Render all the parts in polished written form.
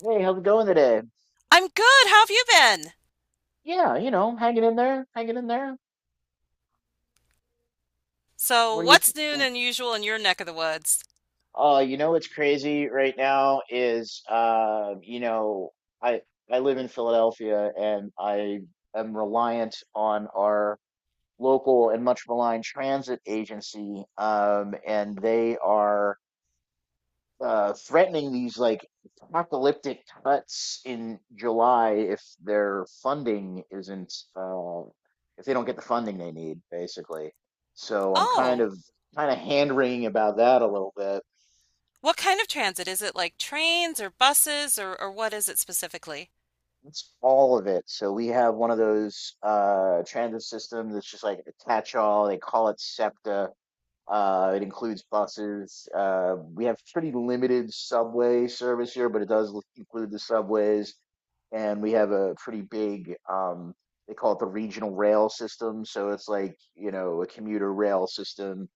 Hey, how's it going today? I'm good. How have you been? Yeah, you know, hanging in there, hanging in there. So, What do you th what's new and unusual in your neck of the woods? What's crazy right now is I I live in Philadelphia, and I am reliant on our local and much maligned transit agency. And they are threatening these like apocalyptic cuts in July if their funding isn't if they don't get the funding they need, basically. So I'm kind Oh, of kind of hand wringing about that a little bit. what kind of transit? Is it like trains or buses or what is it specifically? That's all of it. So we have one of those transit systems that's just like a catch-all. They call it SEPTA. It includes buses. We have pretty limited subway service here, but it does include the subways. And we have a pretty big they call it the regional rail system. So it's like, a commuter rail system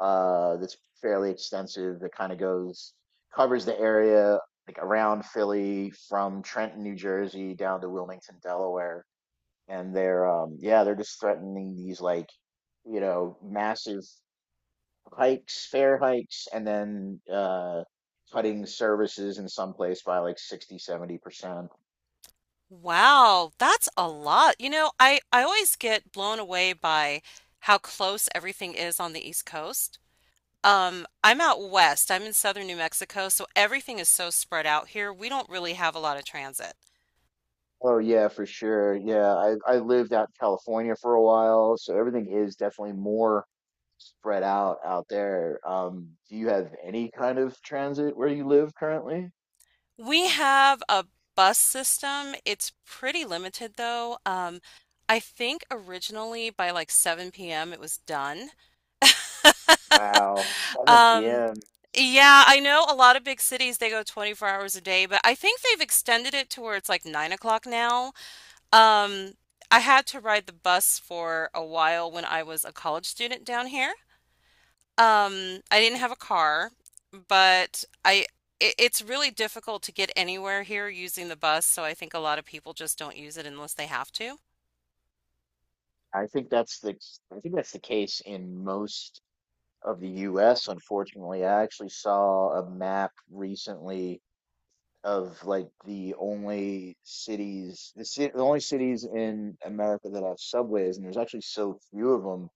that's fairly extensive, that kind of goes covers the area like around Philly from Trenton, New Jersey down to Wilmington, Delaware. And they're, yeah, they're just threatening these like, massive hikes fare hikes, and then cutting services in some place by like 60, 70%. Wow, that's a lot. You know, I always get blown away by how close everything is on the East Coast. I'm out west. I'm in southern New Mexico, so everything is so spread out here. We don't really have a lot of transit. Oh yeah, for sure. Yeah, I lived out in California for a while, so everything is definitely more spread out out there. Do you have any kind of transit where you live currently? We have a bus system. It's pretty limited though. I think originally by like 7 p.m. it was done. Wow, 7 Um, p.m. yeah, I know a lot of big cities they go 24 hours a day, but I think they've extended it to where it's like 9 o'clock now. Um, I had to ride the bus for a while when I was a college student down here. I didn't have a car, but it's really difficult to get anywhere here using the bus, so I think a lot of people just don't use it unless they have to. I think that's the I think that's the case in most of the US, unfortunately. I actually saw a map recently of like the only cities, the only cities in America that have subways, and there's actually so few of them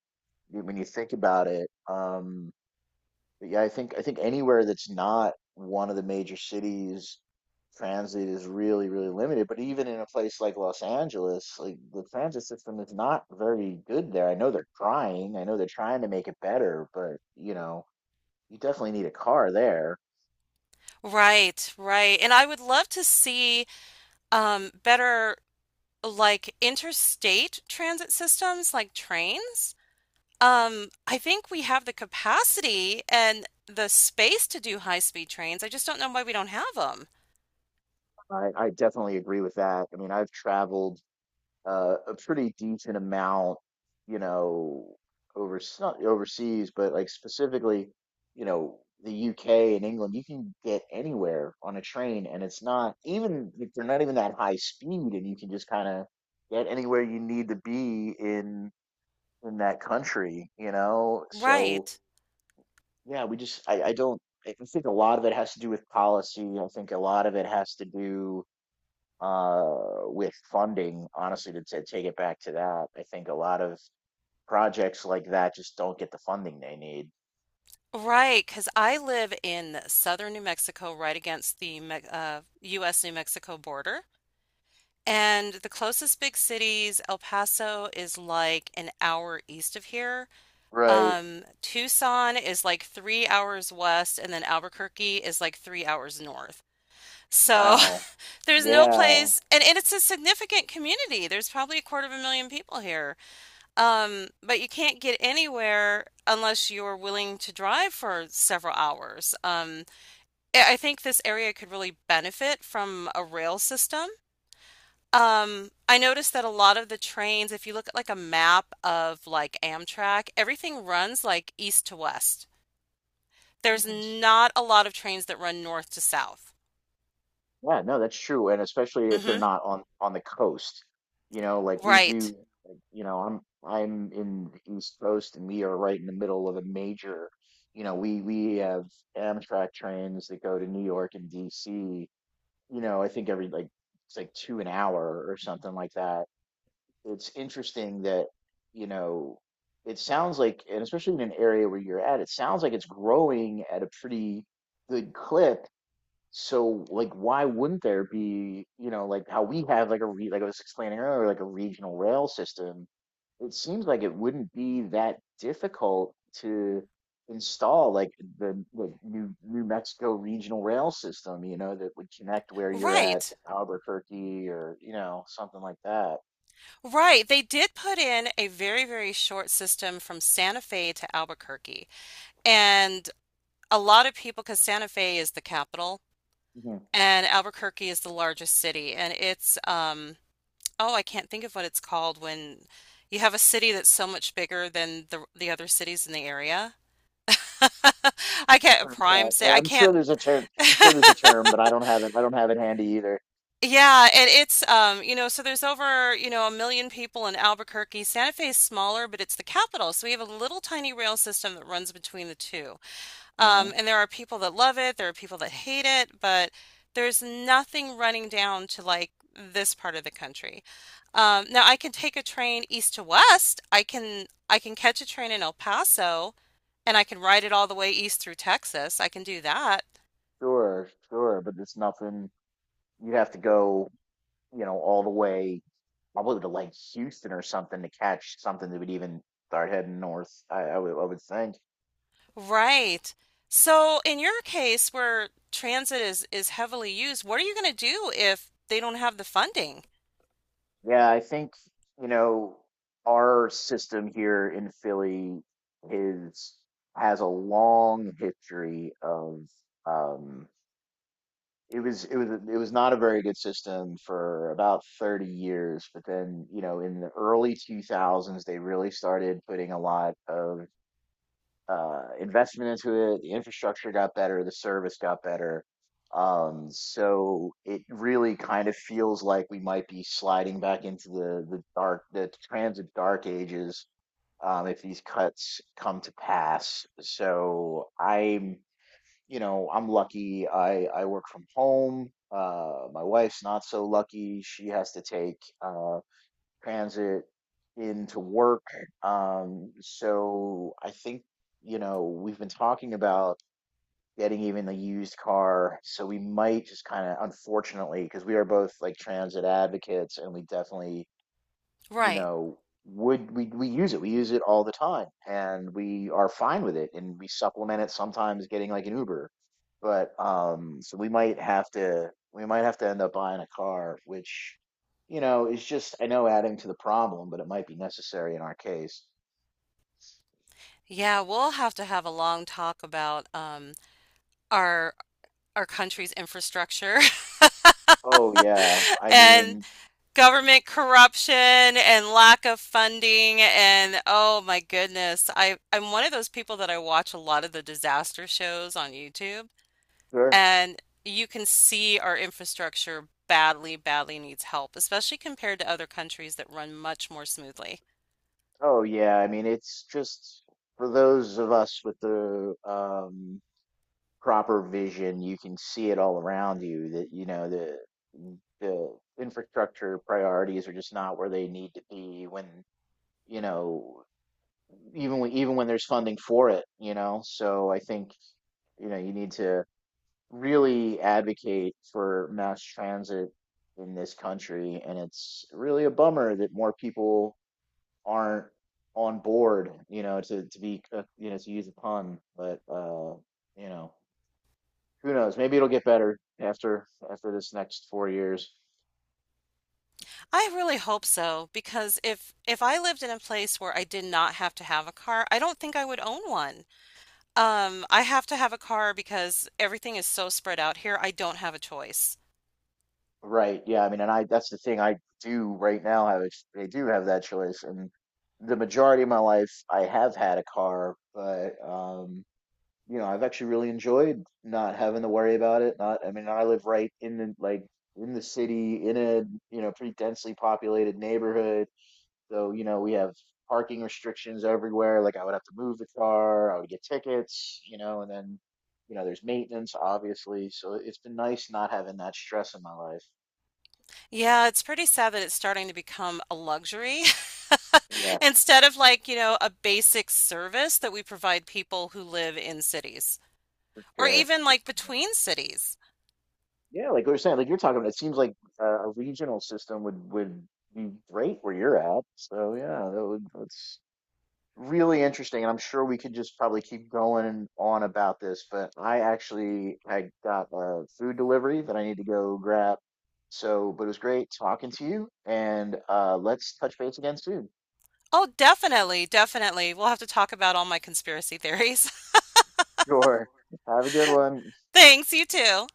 when you think about it. But yeah, I think anywhere that's not one of the major cities, transit is really, really limited. But even in a place like Los Angeles, like the transit system is not very good there. I know they're trying. I know they're trying to make it better, but you know, you definitely need a car there. Right, right. And I would love to see better like interstate transit systems like trains. I think we have the capacity and the space to do high-speed trains. I just don't know why we don't have them. I definitely agree with that. I mean, I've traveled a pretty decent amount, you know, over not overseas, but like specifically, you know, the UK and England, you can get anywhere on a train, and it's not even if they're not even that high speed, and you can just kind of get anywhere you need to be in that country, you know. So Right. yeah, I don't I think a lot of it has to do with policy. I think a lot of it has to do with funding, honestly, to take it back to that. I think a lot of projects like that just don't get the funding they need. Right, because I live in southern New Mexico, right against the Me U.S. New Mexico border. And the closest big cities, El Paso is like an hour east of here. Right. Tucson is like 3 hours west, and then Albuquerque is like 3 hours north. So Wow. there's no Yeah. place, and it's a significant community. There's probably a quarter of a million people here. But you can't get anywhere unless you're willing to drive for several hours. I think this area could really benefit from a rail system. I noticed that a lot of the trains, if you look at like a map of like Amtrak, everything runs like east to west. There's Yes. not a lot of trains that run north to south. Yeah, no, that's true. And especially if they're hmm not on the coast. You know, like we Right. do, like, you know, I'm in the East Coast, and we are right in the middle of a major, you know, we have Amtrak trains that go to New York and DC. You know, I think every like it's like two an hour or something like that. It's interesting that, you know, it sounds like, and especially in an area where you're at, it sounds like it's growing at a pretty good clip. So like, why wouldn't there be, you know, like how we have like like I was explaining earlier, like a regional rail system? It seems like it wouldn't be that difficult to install like the New Mexico regional rail system, you know, that would connect where you're at Right. to Albuquerque, or you know, something like that. Right. They did put in a very, very short system from Santa Fe to Albuquerque. And a lot of people, because Santa Fe is the capital and Albuquerque is the largest city, and it's oh, I can't think of what it's called when you have a city that's so much bigger than the other cities in the area. I can't prime Yeah, say I, I I'm sure can't. there's a term. I'm sure there's a term, but I don't have it. I don't have it handy either. Yeah, and it's you know, so there's over, you know, 1 million people in Albuquerque. Santa Fe is smaller, but it's the capital, so we have a little tiny rail system that runs between the two. Mm, And there are people that love it, there are people that hate it, but there's nothing running down to like this part of the country. Now I can take a train east to west. I can catch a train in El Paso and I can ride it all the way east through Texas. I can do that. sure, sure, but it's nothing. You have to go, you know, all the way probably to like Houston or something to catch something that would even start heading north. I would think. Right. So in your case where transit is heavily used, what are you going to do if they don't have the funding? Yeah, I think, you know, our system here in Philly is has a long history of, um it was not a very good system for about 30 years. But then, you know, in the early 2000s, they really started putting a lot of investment into it. The infrastructure got better, the service got better. So it really kind of feels like we might be sliding back into the transit dark ages, if these cuts come to pass. So I'm, you know, I'm lucky. I work from home. My wife's not so lucky. She has to take transit into work. So I think, you know, we've been talking about getting even a used car. So we might just kind of, unfortunately, because we are both like transit advocates, and we definitely, you Right. know, would we use it? We use it all the time, and we are fine with it, and we supplement it sometimes getting like an Uber. But so we might have to end up buying a car, which you know is just I know adding to the problem, but it might be necessary in our case. Yeah, we'll have to have a long talk about our our country's infrastructure Oh yeah, I and mean, government corruption and lack of funding and oh my goodness I'm one of those people that I watch a lot of the disaster shows on YouTube sure. and you can see our infrastructure badly badly needs help especially compared to other countries that run much more smoothly. Oh yeah, I mean, it's just for those of us with the proper vision, you can see it all around you that, you know, the the infrastructure priorities are just not where they need to be when, you know, even when there's funding for it, you know. So I think, you know, you need to really advocate for mass transit in this country, and it's really a bummer that more people aren't on board, you know, to be, you know, to use a pun, but you know, who knows? Maybe it'll get better after this next four years. I really hope so because if I lived in a place where I did not have to have a car, I don't think I would own one. I have to have a car because everything is so spread out here. I don't have a choice. Right. Yeah. I mean, and I that's the thing. I do have that choice, and the majority of my life I have had a car. But you know, I've actually really enjoyed not having to worry about it. Not, I mean, I live right in the like in the city in a, you know, pretty densely populated neighborhood. So, you know, we have parking restrictions everywhere. Like I would have to move the car, I would get tickets, you know, and then, you know, there's maintenance, obviously. So it's been nice not having that stress in my life. Yeah, it's pretty sad that it's starting to become a luxury Yeah, instead of like, you know, a basic service that we provide people who live in cities for or sure. even For like sure. between cities. Yeah, like we were saying, like you're talking about, it seems like, a regional system would be great where you're at. So yeah, that's really interesting, and I'm sure we could just probably keep going on about this, but I actually had got a food delivery that I need to go grab. So, but it was great talking to you, and let's touch base again soon. Oh, definitely, definitely. We'll have to talk about all my conspiracy theories. Sure. Have a good one. Thanks, you too.